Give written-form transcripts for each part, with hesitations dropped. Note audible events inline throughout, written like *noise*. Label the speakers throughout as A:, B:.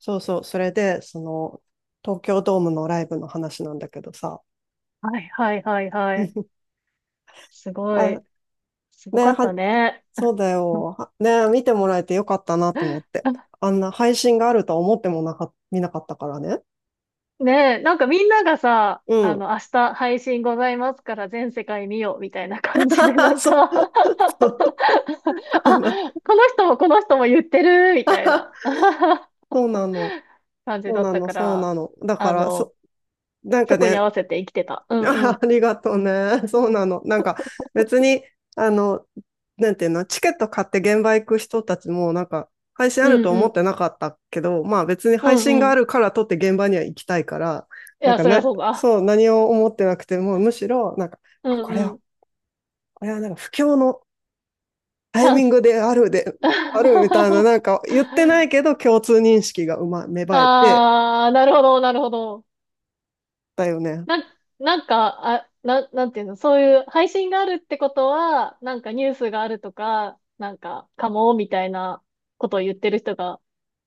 A: そうそう、それで、東京ドームのライブの話なんだけどさ。
B: はいはいはいはい。
A: *laughs*
B: すご
A: あ、
B: い。すごか
A: ね、
B: った
A: は、
B: ね。
A: そうだよ。はね、見てもらえてよかったなと思って。
B: *laughs*
A: あんな配信があるとは思っても見なかったからね。
B: ねえ、なんかみんながさ、
A: うん。
B: 明日配信ございますから全世界見ようみたいな感じで、な
A: *laughs*
B: ん
A: そ
B: か
A: う、
B: *laughs*
A: そう。あ
B: あ、
A: の
B: この人もこの人も言ってるみたいな
A: *laughs*
B: *laughs*
A: そうなの。
B: 感じ
A: そう
B: だっ
A: な
B: た
A: の。
B: か
A: そう
B: ら、
A: なの。だか
B: あ
A: ら、
B: の、
A: なんか
B: そこに合
A: ね、
B: わせて生きてた。う
A: *laughs*
B: んうん。
A: ありがとうね。そうなの。なんか別に、あの、なんていうの、チケット買って現場行く人たちもなんか配信あ
B: う
A: る
B: ん
A: と
B: う
A: 思っ
B: ん。
A: てなかったけど、まあ別に
B: う
A: 配
B: ん
A: 信が
B: う
A: あ
B: ん。い
A: るから撮って現場には行きたいから、なん
B: や、
A: か
B: そりゃ
A: な、
B: そうだ。
A: そう、何を思ってなくても、むしろ、なんか、
B: う
A: あ、これ
B: んう
A: は、
B: ん。
A: これはなんか不況のタ
B: チ
A: イ
B: ャン
A: ミン
B: ス。
A: グであるで、あるみたいな、
B: *laughs*
A: なんか言ってないけど共通認識が芽生えて
B: ああ、なるほど、なるほど。
A: だよね。
B: なん、なんか、なんていうの、そういう配信があるってことは、なんかニュースがあるとか、なんか、かも、みたいなことを言ってる人が、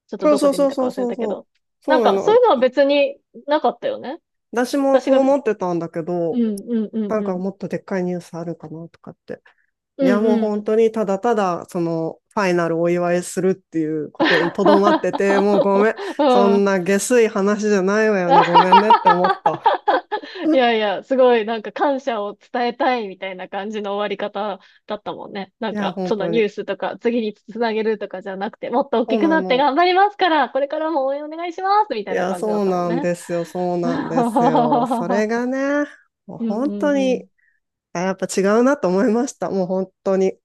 B: ちょっと
A: そう
B: ど
A: そ
B: こ
A: う
B: で
A: そ
B: 見
A: う
B: た
A: そ
B: か
A: う
B: 忘れ
A: そう
B: たけ
A: そう。
B: ど。
A: そ
B: な
A: う
B: ん
A: な
B: か、そう
A: の。
B: いうのは別になかったよね。
A: 私も
B: 私
A: そう
B: が、うん、
A: 思ってたんだけ
B: う
A: ど、
B: ん、う
A: な
B: ん、
A: ん
B: う
A: か
B: ん。
A: もっとでっかいニュースあるかなとかって。
B: う
A: いや、
B: ん、
A: もう
B: う
A: 本
B: ん。
A: 当にただただ、ファイナルお祝いするっていうことにとどまってて、もうごめ
B: *laughs*
A: ん。そ
B: う
A: ん
B: ん、
A: な下水話じゃないわ
B: *laughs* あ
A: よ
B: は
A: ね。ごめんねって思っ
B: はは
A: た。
B: いやいや、すごいなんか感謝を伝えたいみたいな感じの終わり方だったもんね。な
A: い
B: ん
A: や、
B: か、
A: 本
B: その
A: 当
B: ニ
A: に。
B: ュースとか次につなげるとかじゃなくて、もっと大
A: そ
B: き
A: う
B: く
A: な
B: なって
A: の。
B: 頑張りますから、これからも応援お願いしますみ
A: い
B: たいな
A: や、
B: 感じだ
A: そ
B: っ
A: う
B: たもん
A: なん
B: ね。
A: ですよ。そう
B: *laughs* う
A: なんですよ。それが
B: ん
A: ね、もう
B: う
A: 本当
B: んう
A: に、あ、やっぱ違うなと思いました。もう本当に。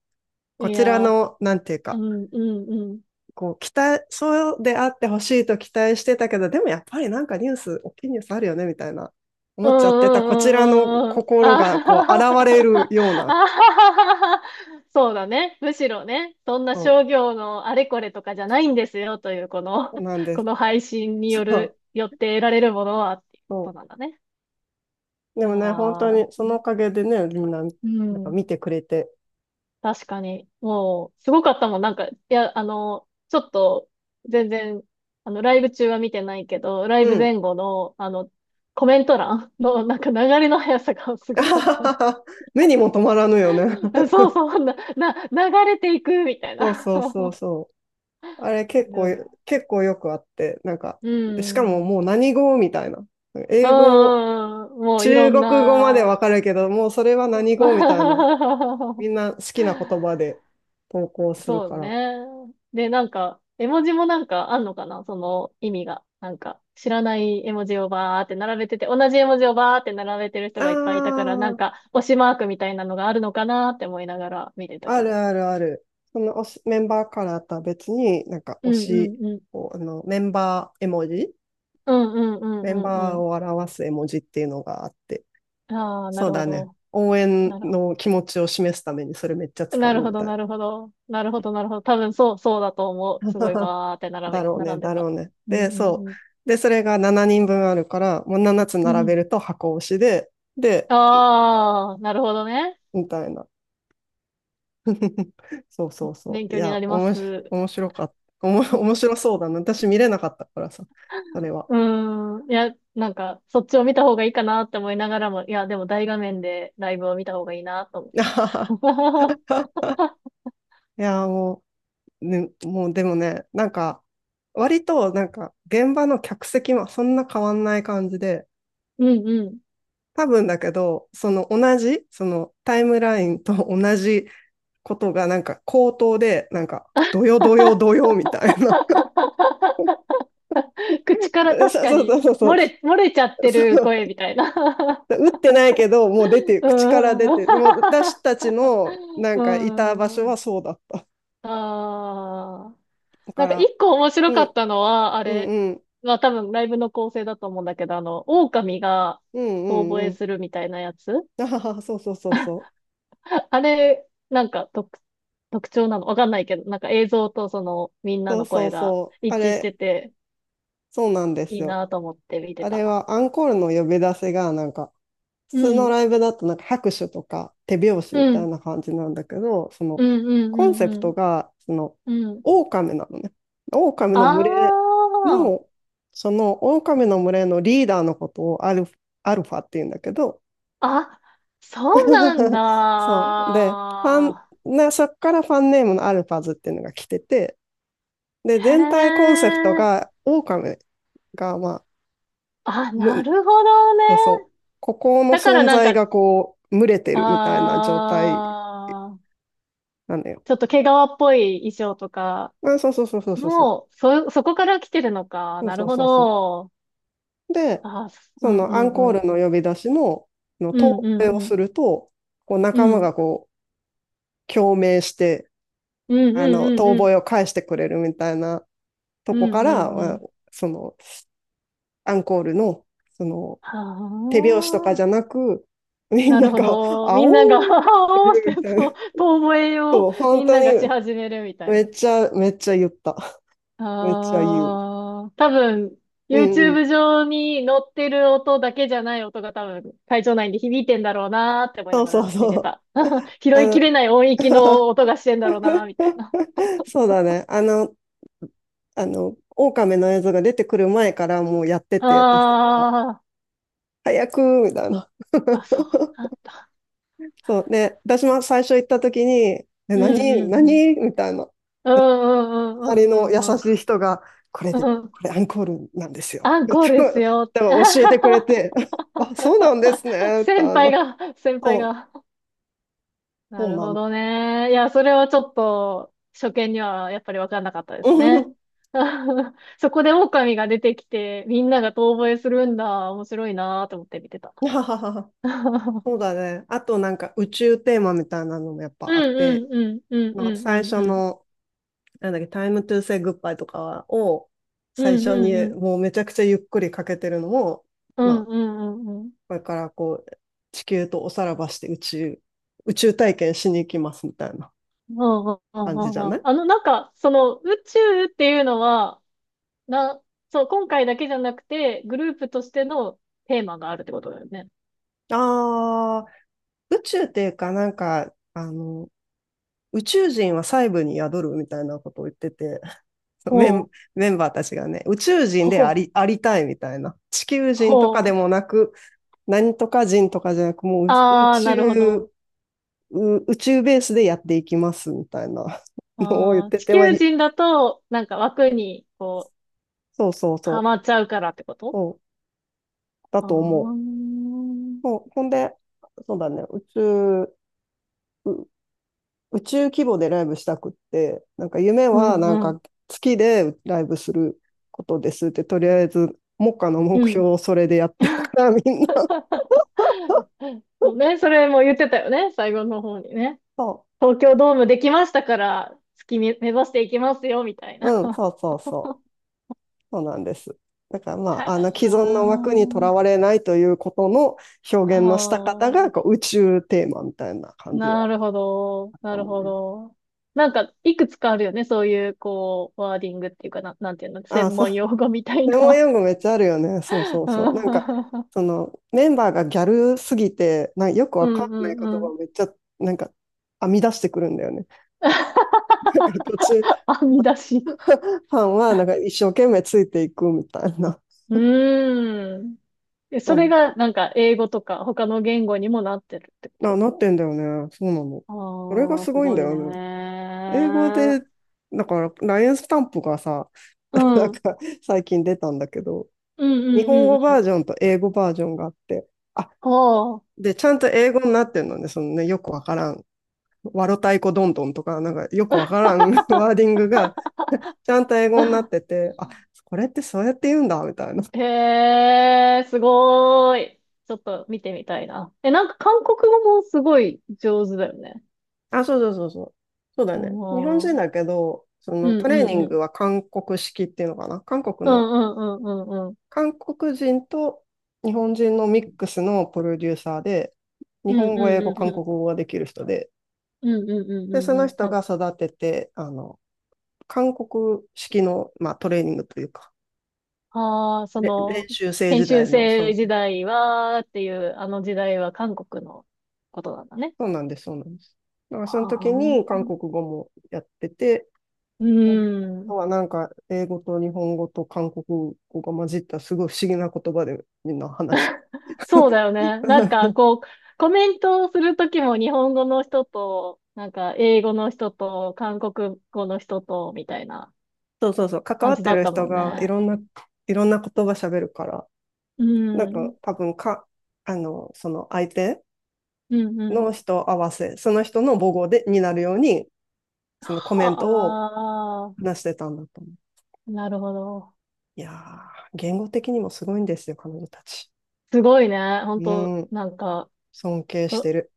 B: ん。
A: こ
B: い
A: ちら
B: やー、
A: の、なんていう
B: う
A: か、
B: んうんうん。
A: こう期待、そうであってほしいと期待してたけど、でもやっぱりなんかニュース、大きいニュースあるよねみたいな、思
B: うん
A: っちゃってたこちらの
B: うんうんうんうん。あ
A: 心
B: は
A: がこ
B: は
A: う現
B: は
A: れるよう
B: あ
A: な、
B: はははそうだね。むしろね、そんな
A: そ
B: 商業のあれこれとかじゃないんですよという、この、
A: う
B: *laughs*
A: なんで
B: こ
A: す。
B: の配信に
A: そ
B: よ
A: う
B: る、よって得られるものはってい
A: そ
B: うことなんだね。
A: う、
B: い
A: で
B: や
A: もね、本当
B: ー、
A: にそのおかげでね、みんな、なん
B: う
A: か
B: ん。
A: 見てくれて、
B: 確かに。もう、すごかったもん。なんか、いや、ちょっと、全然、ライブ中は見てないけど、ライ
A: う
B: ブ
A: ん。
B: 前後の、コメント欄の、なんか流れの速さがすごかった。
A: *laughs* 目にも止まらぬよね。
B: *laughs* そうそう、流れていくみたい
A: *laughs* そう
B: な。*laughs*
A: そうそう
B: 感
A: そう。あれ結
B: 情
A: 構、
B: で
A: 結構よくあって、なんか、
B: う
A: しかも
B: ん。うん
A: もう何語みたいな。
B: う
A: 英語
B: んうん。もういろ
A: 中
B: ん
A: 国語まで
B: な。
A: わかるけど、もうそれは
B: そ
A: 何語みたいな。み
B: う
A: んな好きな言葉で投稿
B: *laughs*
A: する
B: そう
A: から。
B: ね。で、なんか、絵文字もなんかあんのかなその意味が。なんか、知らない絵文字をバーって並べてて、同じ絵文字をバーって並べてる
A: あ
B: 人がいっぱいいたから、なん
A: あ、
B: か、推しマークみたいなのがあるのかなって思いながら見てた
A: あ
B: け
A: る
B: ど。
A: あるある。その推しメンバーカラーとは別に、なんか
B: う
A: 推
B: んう
A: し
B: んうん。
A: を、
B: うんうんう
A: メン
B: んうん
A: バー
B: う
A: を表す絵文字っていうのがあって。
B: ん。ああ、な
A: そ
B: る
A: う
B: ほ
A: だね。
B: ど。
A: 応援
B: なるほど。
A: の気持ちを示すためにそれめっちゃ使
B: な
A: う
B: るほ
A: み
B: ど、
A: たい
B: なるほど。なるほど、なるほど。多分そうだと思
A: な。
B: う。すごい
A: *laughs*
B: バーって
A: だろう
B: 並
A: ね、
B: んで
A: だろ
B: た。
A: うね。
B: うん、
A: で、そ
B: うん、
A: う。で、それが7人分あるから、もう7つ
B: うん。
A: 並
B: う
A: べ
B: ん。
A: ると箱推しで、で、
B: ああ、なるほどね。
A: みたいな。*laughs* そうそうそ
B: 勉
A: う。い
B: 強にな
A: や、
B: り
A: お
B: ま
A: もし、
B: す。
A: 面白かった。*laughs* 面白そうだな。私見れなかったからさ、それは。
B: うん。いや、なんか、そっちを見た方がいいかなって思いながらも、いや、でも大画面でライブを見た方がいいなと
A: *laughs*
B: 思う。
A: いや、もう、ね、もうでもね、なんか、割となんか、現場の客席もそんな変わんない感じで、
B: *laughs* うん、うん。
A: 多分だけど、その同じ、そのタイムラインと同じことがなんか口頭で、なんか、どよどよど
B: *laughs*
A: よみたいな。
B: 口から
A: *laughs*
B: 確
A: そう
B: か
A: そ
B: に
A: うそうそう。
B: 漏れちゃっ
A: *laughs*
B: て
A: そ
B: る
A: う
B: 声みたいな。*laughs*
A: 打ってないけど、もう出て、
B: うー
A: 口から出て、もう
B: ん。
A: 私たちの
B: *laughs*
A: な
B: う
A: んかいた場
B: ー
A: 所は
B: ん。
A: そうだった。
B: ああ。
A: だ
B: な
A: か
B: んか
A: ら、
B: 一個面白
A: う
B: かっ
A: ん、
B: たのは、あ
A: う
B: れ、
A: ん、うん、
B: まあ多分ライブの構成だと思うんだけど、狼が
A: うん、う
B: 遠吠
A: ん、う
B: え
A: ん。
B: するみたいなやつ。
A: あはは、そうそうそうそう。
B: *laughs* あれ、なんか特徴なのわかんないけど、なんか映像とそのみんな
A: そう
B: の
A: そう
B: 声が
A: そう。あ
B: 一致して
A: れ、
B: て
A: そうなんで
B: い
A: す
B: い
A: よ。
B: なと思って見て
A: あれ
B: た。
A: はアンコールの呼び出しがなんか、普
B: う
A: 通の
B: ん。
A: ライブだとなんか拍手とか手拍子み
B: う
A: たい
B: ん。
A: な感じなんだけど、その
B: うんうん
A: コンセプ
B: う
A: ト
B: ん
A: がその
B: うん。うん。
A: 狼なのね。狼の群れ
B: ああ。
A: の、その狼の群れのリーダーのことをアルファって言うんだけど、
B: あ、そうなん
A: *laughs* そう。で、ファン、
B: だ。
A: ね、そっからファンネームのアルファズっていうのが来てて、で、
B: へ
A: 全体コン
B: え。
A: セプトが狼が、まあ、
B: あ、な
A: む、
B: るほどね。
A: そう、ここの
B: だから
A: 存
B: なん
A: 在
B: か、
A: がこう、群れて
B: あ
A: るみたいな状態
B: ー、
A: なのよ。
B: ちょっと毛皮っぽい衣装とか、
A: うん、そうそうそうそうそうそう。
B: もう、そこから来てるのか。
A: そう
B: な
A: そ
B: る
A: う
B: ほ
A: そうそ
B: ど。
A: う。で、
B: あー、すう
A: そ
B: んう
A: のアンコ
B: んう
A: ー
B: ん。
A: ルの呼び出しの、
B: う
A: 遠
B: ん
A: 吠
B: うん
A: えを
B: う
A: す
B: ん。
A: ると、こう
B: う
A: 仲間
B: ん。
A: がこう共鳴して、
B: うん
A: あ
B: うん
A: の、
B: うん
A: 遠
B: うん。
A: 吠えを返してくれるみたいなと
B: う
A: こか
B: んうん
A: ら、
B: うん。
A: そのアンコールの、その
B: は
A: 手拍子とかじゃ
B: あ。
A: なく、みん
B: なる
A: な
B: ほ
A: が、*laughs*
B: ど。
A: あ
B: み
A: おー
B: ん
A: っ
B: なが、*laughs*
A: て
B: おーっ
A: る
B: て、
A: みたいな。
B: そう、遠吠えを
A: そう、
B: み
A: 本
B: ん
A: 当
B: な
A: に
B: がし始めるみたい
A: め
B: な。
A: っちゃ、めっちゃ言った。めっちゃ言う。
B: ああ、多分、
A: うんうん。
B: YouTube 上に載ってる音だけじゃない音が多分、会場内に響いてんだろうなーって思い
A: そ
B: な
A: う
B: が
A: そう
B: ら
A: そ
B: 見て
A: う。
B: た。拾
A: あ
B: いき
A: の
B: れない音域の
A: *laughs*
B: 音がしてんだろうなーみたいな。
A: *laughs* そうだね。あの、狼の映像が出てくる前からもうやってて、私たちが。
B: あ
A: 早くみたいな。
B: あ、あ、そうなんだ。
A: *laughs* そう。ね。私も最初行った時に、え、
B: うん
A: 何
B: うんうん。
A: 何みたいな。
B: うんうんう
A: 隣
B: ん
A: の優
B: うんうん
A: しい人が、
B: う
A: こ
B: ん。うん。
A: れアンコールなんですよ。
B: アンコールです
A: *laughs*
B: よ。
A: でも教えてくれて、
B: *laughs*
A: *laughs* あ、そうなんですね。って
B: 先輩が、先輩
A: そう、
B: が。な
A: そう
B: る
A: な
B: ほ
A: の。
B: どね。いや、それはちょっと、初見にはやっぱりわかんなかったです
A: う
B: ね。
A: ん
B: *laughs* そこで狼が出てきて、みんなが遠吠えするんだ。面白いなーと思って見てた。
A: はははは
B: *laughs* う
A: *laughs*
B: ん
A: そうだね。あとなんか宇宙テーマみたいなのもやっ
B: う
A: ぱあっ
B: んう
A: て、
B: んうんうん
A: 最
B: うん
A: 初
B: うん。
A: の、なんだっけ、タイムトゥーセイグッバイとかを最
B: うん
A: 初
B: うん
A: に
B: うん。
A: もうめちゃくちゃゆっくりかけてるのも、
B: う
A: ま
B: ん
A: あ、
B: うんうんうん。
A: これからこう、地球とおさらばして宇宙体験しに行きますみたいな
B: うんうんう
A: 感じじゃ
B: んう
A: な
B: ん。
A: い。
B: なんか、その宇宙っていうのは、な、そう、今回だけじゃなくて、グループとしてのテーマがあるってことだよね。
A: ああ、宇宙っていうかなんか、あの、宇宙人は細部に宿るみたいなことを言ってて、*laughs* メ
B: ほ
A: ン、
B: う、
A: メンバーたちがね、宇宙人で
B: ほ
A: あ
B: う、
A: り、ありたいみたいな。地球人とか
B: ほ
A: で
B: う。
A: もなく、何とか人とかじゃなく、もう
B: ああ、なるほど。
A: 宇宙ベースでやっていきますみたいなのを言っ
B: あー
A: て
B: 地
A: て、まあ、
B: 球人だと、なんか枠に、こう、
A: そうそう
B: は
A: そ
B: まっちゃうからってこ
A: う、
B: と
A: うんだ
B: ああ
A: と
B: ー、
A: 思
B: うん
A: う。もうほんで、そうだね、う宇宙規模でライブしたくって、なんか夢
B: う
A: はなん
B: ん、
A: か月でライブすることですって、とりあえず目下の
B: う
A: 目
B: ん。
A: 標をそれでやってるから、みんな。
B: *laughs* そうね、それも言ってたよね、最後の方にね。
A: そ
B: 東京ドームできましたから、目指していきますよ、みたい
A: う、
B: な。
A: うん、
B: *laughs*
A: そうそうそう。そうなんです。だからま
B: は
A: あ、あの既存の枠
B: あ
A: にとらわれないということの
B: あ
A: 表現のした方がこ
B: あ
A: う宇宙テーマみたいな
B: ー、
A: 感じ
B: な
A: は
B: るほど、
A: あっ
B: な
A: た
B: る
A: もん
B: ほ
A: ね。
B: ど。なんか、いくつかあるよね、そういう、こう、ワーディングっていうかな、なんていうの、
A: ああ、
B: 専
A: そう。
B: 門用語みたい
A: 専門
B: な。
A: 用語めっちゃあるよね。そうそう
B: う
A: そう。なんか、
B: ん
A: そのメンバーがギャルすぎて、よく
B: *laughs* う
A: わかんない
B: ん
A: 言葉
B: う
A: を
B: ん。
A: めっちゃなんか編み出してくるんだよね。*laughs* 途中、
B: *laughs* 編み出し。
A: ファンはなんか一生懸命ついていくみたいな。
B: うーん。えそ
A: う
B: れ
A: ん、
B: がなんか英語とか他の言語にもなってるって
A: な、
B: こ
A: なってんだよね。そうなの。
B: と
A: それが
B: ああ
A: す
B: ー、す
A: ごいん
B: ご
A: だ
B: い
A: よ
B: ね
A: ね。英語
B: ー。
A: で、だから、ラインスタンプがさ、
B: う
A: *laughs* な
B: ん。
A: ん
B: うん
A: か最近出たんだけど、
B: うん
A: 日
B: う
A: 本
B: ん
A: 語
B: う
A: バ
B: ん。
A: ージョンと英語バージョンがあって、あ、
B: ほう。
A: で、ちゃんと英語になってるのね、そのね、よくわからん、わろたいこどんどんとか、なんかよくわからん *laughs* ワーディングが、ちゃんと英語になっ
B: *laughs*
A: てて、あ、これってそうやって言うんだ、みたいな。
B: へえ、すごーい。ちょっと見てみたいな。え、なんか韓国語もすごい上手だよね。
A: あ、そうそうそうそう。そうだ
B: う
A: ね。日本
B: ん。
A: 人
B: うん
A: だけど、そ
B: う
A: のトレーニ
B: ん
A: ン
B: うん。
A: グは韓国式っていうのかな。
B: うんうんうんうんうん。
A: 韓国人と日本人のミックスのプロデューサーで、日
B: う
A: 本
B: ん
A: 語、
B: う
A: 英
B: ん
A: 語、
B: うん
A: 韓
B: う
A: 国
B: ん
A: 語ができる人で、
B: うんうんうんう
A: そ
B: んう
A: の
B: ん。
A: 人
B: な
A: が育てて、あの、韓国式の、まあ、トレーニングというか、
B: ああー、
A: 練習生
B: 研
A: 時
B: 修
A: 代の、そう
B: 生
A: そ
B: 時
A: う、そ
B: 代は、っていう、あの時代は韓国のことなんだね。
A: うなんです、そうなんです。だからその
B: は
A: 時に韓国
B: あ、
A: 語もやってて、
B: う
A: あと
B: ん。
A: はなんか英語と日本語と韓国語が混じったすごい不思議な言葉でみんな話して
B: そうだよね。なんか、
A: *laughs*
B: こう、コメントをするときも日本語の人と、なんか、英語の人と、韓国語の人と、みたいな
A: そうそうそう、関
B: 感
A: わっ
B: じ
A: て
B: だっ
A: る
B: たも
A: 人
B: ん
A: が
B: ね。
A: いろんな言葉喋るから、
B: う
A: なんか
B: ん。
A: 多分か、あの、その相手
B: うんうん。
A: の人合わせ、その人の母語で、になるように、そのコメントを
B: は
A: 出してたんだと思う。
B: あ、なるほど。
A: いやー、言語的にもすごいんですよ、彼女たち。
B: すごいね。本
A: う
B: 当
A: ん、
B: なんか、
A: 尊敬して
B: こ
A: る。